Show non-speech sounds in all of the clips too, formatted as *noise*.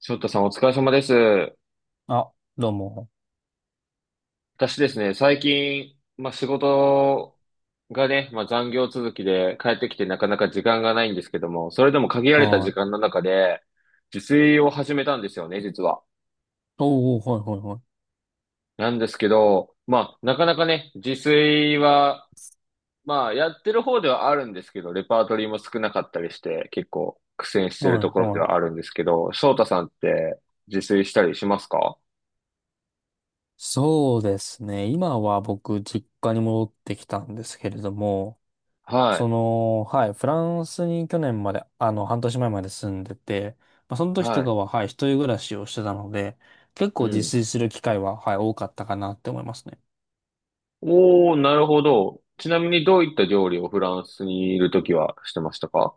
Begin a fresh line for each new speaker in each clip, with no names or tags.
翔太さんお疲れ様です。
あ、どうも。
私ですね、最近、まあ、仕事がね、まあ、残業続きで帰ってきてなかなか時間がないんですけども、それでも限られた
は
時
い。
間の中で、自炊を始めたんですよね、実は。
おー、はいはいはい。
なんですけど、まあ、なかなかね、自炊は、まあ、やってる方ではあるんですけど、レパートリーも少なかったりして、結構苦戦してる
は
と
い
ころで
はい。
はあるんですけど、翔太さんって自炊したりしますか？
そうですね。今は僕、実家に戻ってきたんですけれども、
はい、
はい、フランスに去年まで、半年前まで住んでて、まあ、その時と
はい、
かは、はい、一人暮らしをしてたので、結
う
構自
ん。
炊する機会は、はい、多かったかなって思いますね。
おー、なるほど。ちなみにどういった料理をフランスにいるときはしてましたか？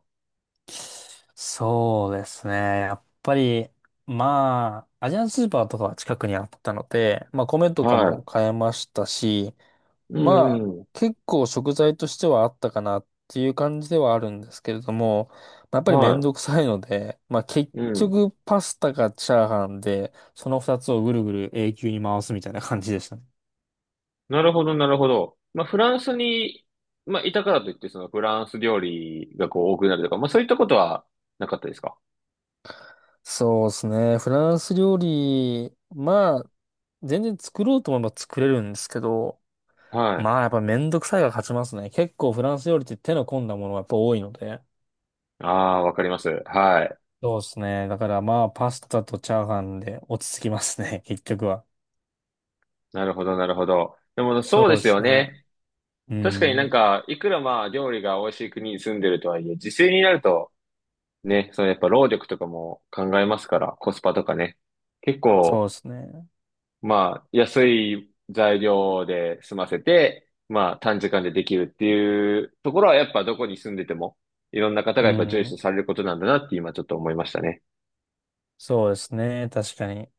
そうですね。やっぱり、まあ、アジアンスーパーとかは近くにあったので、まあ、米とか
は
も買えましたし、
い。うん
まあ、
うん。
結構食材としてはあったかなっていう感じではあるんですけれども、まあ、やっぱりめん
は
どくさいので、まあ結
い。うん。
局パスタかチャーハンで、その二つをぐるぐる永久に回すみたいな感じでしたね。
なるほど、なるほど。まあ、フランスに、まあ、いたからといって、そのフランス料理がこう多くなるとか、まあ、そういったことはなかったですか？
そうですね。フランス料理、まあ、全然作ろうと思えば作れるんですけど、
はい。
まあやっぱめんどくさいが勝ちますね。結構フランス料理って手の込んだものがやっぱ多いので。
ああ、わかります。はい。
そうですね。だからまあパスタとチャーハンで落ち着きますね、結局は。
なるほど、なるほど。でも、
そ
そうで
うで
すよ
すね。
ね。
う
確かになん
ん。
か、いくらまあ、料理が美味しい国に住んでるとはいえ、自炊になると、ね、そのやっぱ労力とかも考えますから、コスパとかね。結
そ
構、
うですね。
まあ、安い材料で済ませて、まあ、短時間でできるっていうところは、やっぱどこに住んでても、いろんな方
う
がやっぱ重視
ん。
されることなんだなって今ちょっと思いましたね。
そうですね。確かに。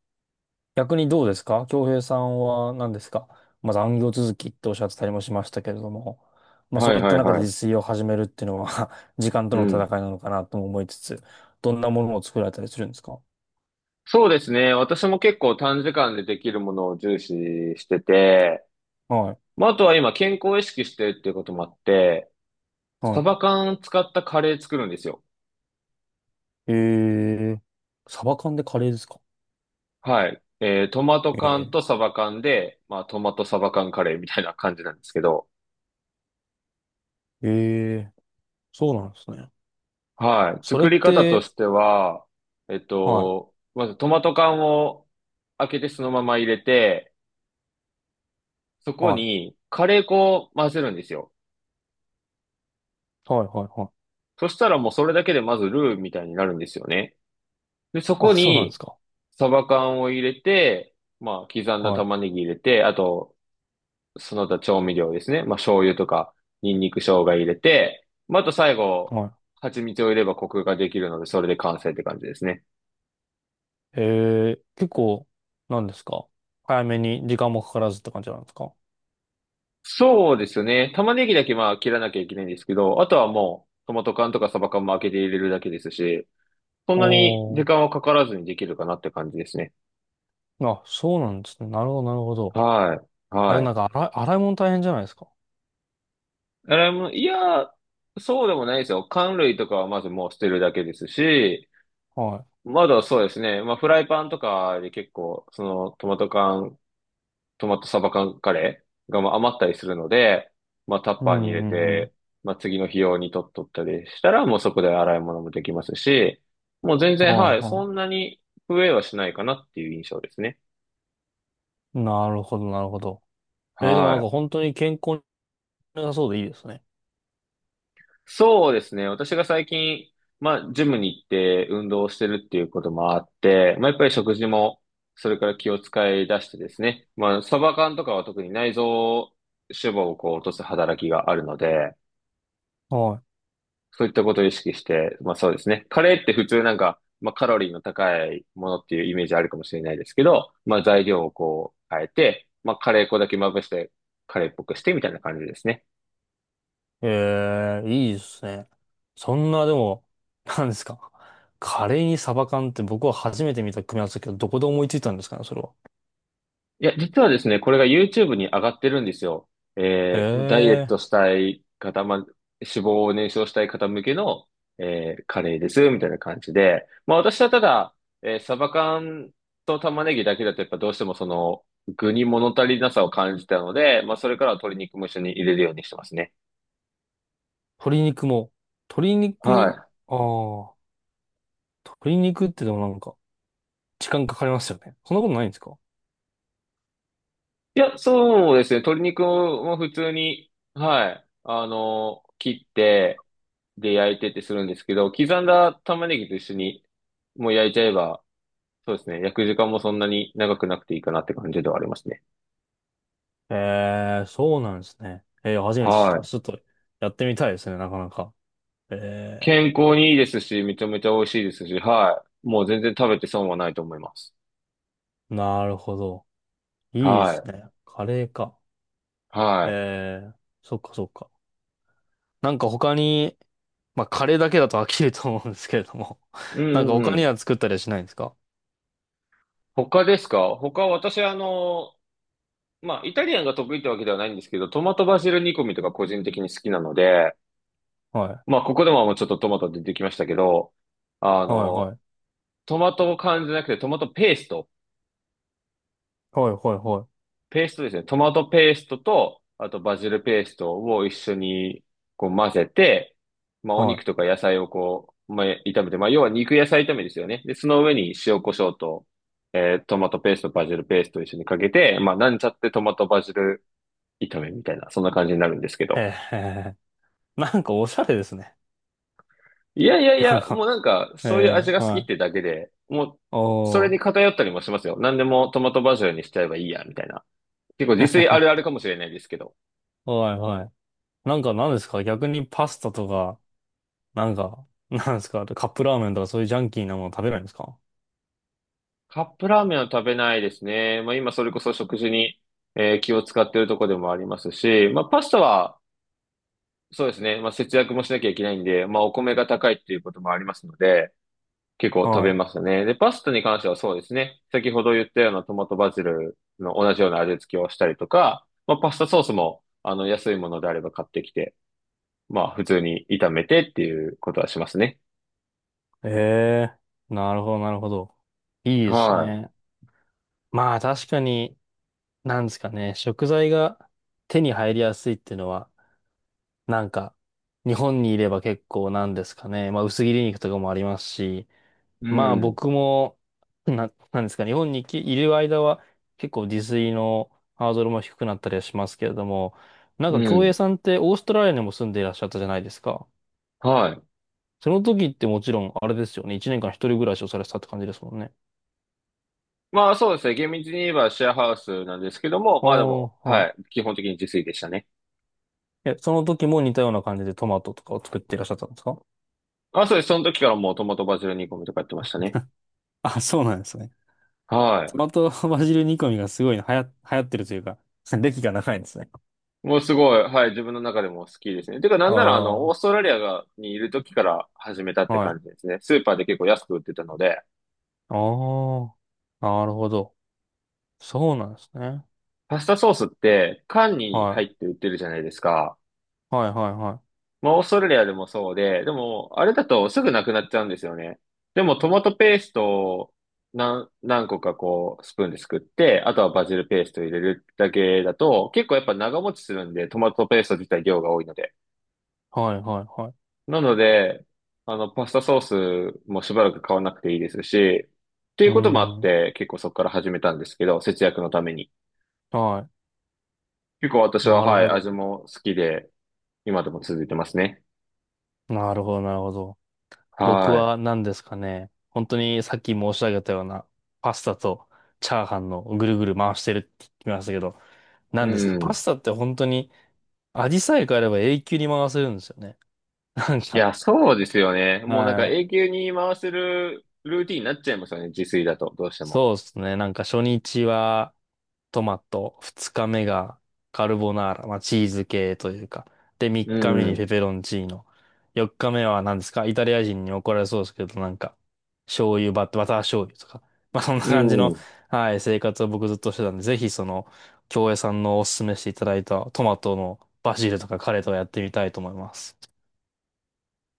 逆にどうですか？京平さんは何ですか？まず残業続きっておっしゃってたりもしましたけれども、まあ
は
そう
い
いった
はい
中
は
で
い。
自炊を始めるっていうのは *laughs* 時間と
う
の戦い
ん。
なのかなとも思いつつ、どんなものを作られたりするんですか？
そうですね。私も結構短時間でできるものを重視してて、
はい。
まあ、あとは今健康を意識してるっていうこともあって、サ
は
バ缶使ったカレー作るんですよ。
い。えー、サバ缶でカレーですか？
はい。トマト缶
え
とサバ缶で、まあ、トマトサバ缶カレーみたいな感じなんですけど、
ー、えー、そうなんですね。
はい。
それ
作
っ
り方と
て、
しては、
はい、
まずトマト缶を開けてそのまま入れて、そこ
はい、
にカレー粉を混ぜるんですよ。
はい、はい、はい。
そしたらもうそれだけでまずルーみたいになるんですよね。で、そこ
あ、そうなんです
に
か。
サバ缶を入れて、まあ、刻んだ
はい。
玉ねぎ入れて、あと、その他調味料ですね。まあ、醤油とか、ニンニク生姜入れて、まあ、あと最
は
後、
い。
蜂蜜を入れればコクができるので、それで完成って感じですね。
へえ、結構、なんですか？早めに時間もかからずって感じなんですか？
そうですね。玉ねぎだけまあ切らなきゃいけないんですけど、あとはもう、トマト缶とかサバ缶も開けて入れるだけですし、そんなに
お
時
ー。
間はかからずにできるかなって感じですね。
あ、そうなんですね。なるほど、なるほど。
はい。
あで
は
もなんか
い。
洗い物大変じゃないですか。
あれも、いや、そうでもないですよ。缶類とかはまずもう捨てるだけですし、
は
まだそうですね。まあ、フライパンとかで結構、そのトマトサバ缶カレーがまあ余ったりするので、まあタッ
い。う
パーに入
ん
れ
うんうん。
て、まあ次の日用に取っとったりしたら、もうそこで洗い物もできますし、もう全
は
然、
い
はい、
は
そんなに増えはしないかなっていう印象ですね。
い。なるほど、なるほど。でも
は
なんか
い。
本当に健康に良さそうでいいですね。
そうですね。私が最近、まあ、ジムに行って運動をしてるっていうこともあって、まあ、やっぱり食事も、それから気を使い出してですね。まあ、サバ缶とかは特に内臓脂肪をこう落とす働きがあるので、
は
そういったことを意識して、まあそうですね。カレーって普通なんか、まあカロリーの高いものっていうイメージあるかもしれないですけど、まあ材料をこう変えて、まあカレー粉だけまぶして、カレーっぽくしてみたいな感じですね。
い。いいですね。そんな、でも、なんですか。カレーにサバ缶って僕は初めて見た組み合わせだけど、どこで思いついたんですかね、それは。
いや、実はですね、これが YouTube に上がってるんですよ。ダイエッ
え、
トしたい方、まあ、脂肪を燃焼したい方向けの、カレーです、みたいな感じで。まあ、私はただ、サバ缶と玉ねぎだけだと、やっぱどうしてもその、具に物足りなさを感じたので、まあ、それからは鶏肉も一緒に入れるようにしてますね。
鶏肉も、鶏
は
肉、
い。
ああ、鶏肉ってでもなんか、時間かかりますよね。そんなことないんですか？
いや、そうですね。鶏肉も普通に、はい。切って、で、焼いてってするんですけど、刻んだ玉ねぎと一緒に、もう焼いちゃえば、そうですね。焼く時間もそんなに長くなくていいかなって感じではありますね。
えー、そうなんですね。えー、初めて知っ
は
た。
い。
ちょっと、やってみたいですね、なかなか。え
健康にいいですし、めちゃめちゃ美味しいですし、はい。もう全然食べて損はないと思います。
ー、なるほど。いいで
は
す
い。
ね。カレーか。
はい。
えー、そっかそっか。なんか他に、まあ、カレーだけだと飽きると思うんですけれども。
う
*laughs* なんか
んうん
他
う
に
ん。
は作ったりはしないんですか？
他ですか？他私あの、まあ、イタリアンが得意ってわけではないんですけど、トマトバジル煮込みとか個人的に好きなので、
は
まあ、ここでももうちょっとトマト出てきましたけど、あ
い。はいは
の、
い。
トマト缶じゃなくてトマトペースト。
はいはいは
ペーストですね。トマトペーストと、あとバジルペーストを一緒にこう混ぜて、まあ、お
い。は
肉とか野菜をこう、まあ、炒めて、まあ、要は肉野菜炒めですよね。で、その上に塩コショウと、トマトペースト、バジルペーストを一緒にかけて、まあ、なんちゃってトマトバジル炒めみたいな、そんな感じになるんですけ
い。
ど。
へーへーへー。なんかおしゃれですね。
いやいやい
なん
や、もう
か
なんか、
え
そういう味
え、
が好き
は
っ
い。
てだけで、もう、それ
お
に
ー。
偏ったりもしますよ。何でもトマトバジルにしちゃえばいいや、みたいな。結構自炊あるある
*laughs*
かもしれないですけど。
はいはい。なんか何ですか？逆にパスタとか、なんか、*laughs* なんですかカップラーメンとかそういうジャンキーなもの食べないんですか？
カップラーメンは食べないですね。まあ今それこそ食事に、気を使ってるとこでもありますし、まあパスタは、そうですね。まあ節約もしなきゃいけないんで、まあお米が高いっていうこともありますので、結構食べ
は
ますね。で、パスタに関してはそうですね。先ほど言ったようなトマトバジルの同じような味付けをしたりとか、まあ、パスタソースも、あの、安いものであれば買ってきて、まあ、普通に炒めてっていうことはしますね。
い。ええー、なるほどなるほど。いいです
は
ね。まあ確かに、なんですかね、食材が手に入りやすいっていうのは、なんか、日本にいれば結構なんですかね、まあ薄切り肉とかもありますし、
い。う
まあ
ん。
僕も、なんですかね、日本にきいる間は結構自炊のハードルも低くなったりはしますけれども、なん
う
か京平
ん。
さんってオーストラリアにも住んでいらっしゃったじゃないですか。
はい。
その時ってもちろんあれですよね、1年間一人暮らしをされてたって感じですもんね。
まあ、そうですね。厳密に言えばシェアハウスなんですけども、
ああ、
まあでも、は
は
い。基本的に自炊でしたね。
い。え、その時も似たような感じでトマトとかを作っていらっしゃったんですか？
あ、そうです。その時からもうトマトバジル煮込みとかやってましたね。
*laughs* あ、そうなんですね。
は
ト
い。
マトバジル煮込みがすごい流行ってるというか、*laughs* 歴が長いんですね。
もうすごい、はい、自分の中でも好きですね。てか、な
あ
んなら、あ
あ、
の、オ
は
ース
い。
トラリアが、にいる時から始めたって感じ
あ
ですね。スーパーで結構安く売ってたので、
あ、なるほど。そうなんですね。
パスタソースって、缶に
は
入って売ってるじゃないですか。
い。はいはいはい。
まあ、オーストラリアでもそうで、でも、あれだとすぐなくなっちゃうんですよね。でも、トマトペーストを何個かこう、スプーンですくって、あとはバジルペースト入れるだけだと、結構やっぱ長持ちするんで、トマトペースト自体量が多いので。
はいはいはい。
なので、あの、パスタソースもしばらく買わなくていいですし、ってい
う
う
ー
こともあっ
ん。
て、結構そこから始めたんですけど、節約のために。
は
結構私
い。
は、
なる
はい、
ほど。
味も好きで、今でも続いてますね。
なるほどなるほど。僕
は
は何ですかね。本当にさっき申し上げたようなパスタとチャーハンのぐるぐる回してるって言ってましたけど、
い。う
何ですか。パス
ん。
タって本当に味さえ変えれば永久に回せるんですよね。なん
いや、
か、
そうですよね。もうなんか
はい。
永久に回せるルーティンになっちゃいますよね、自炊だと、どうしても。
そうですね。なんか初日はトマト、二日目がカルボナーラ、まあチーズ系というか。で、三
う
日目に
ん。
ペペロンチーノ。四日目は何ですか？イタリア人に怒られそうですけど、なんか、醤油バタ、バター醤油とか。まあそんな
う
感じの、
ん。
はい、生活を僕ずっとしてたんで、ぜひ京江さんのおすすめしていただいたトマトのバジルとかカレーとかやってみたいと思います。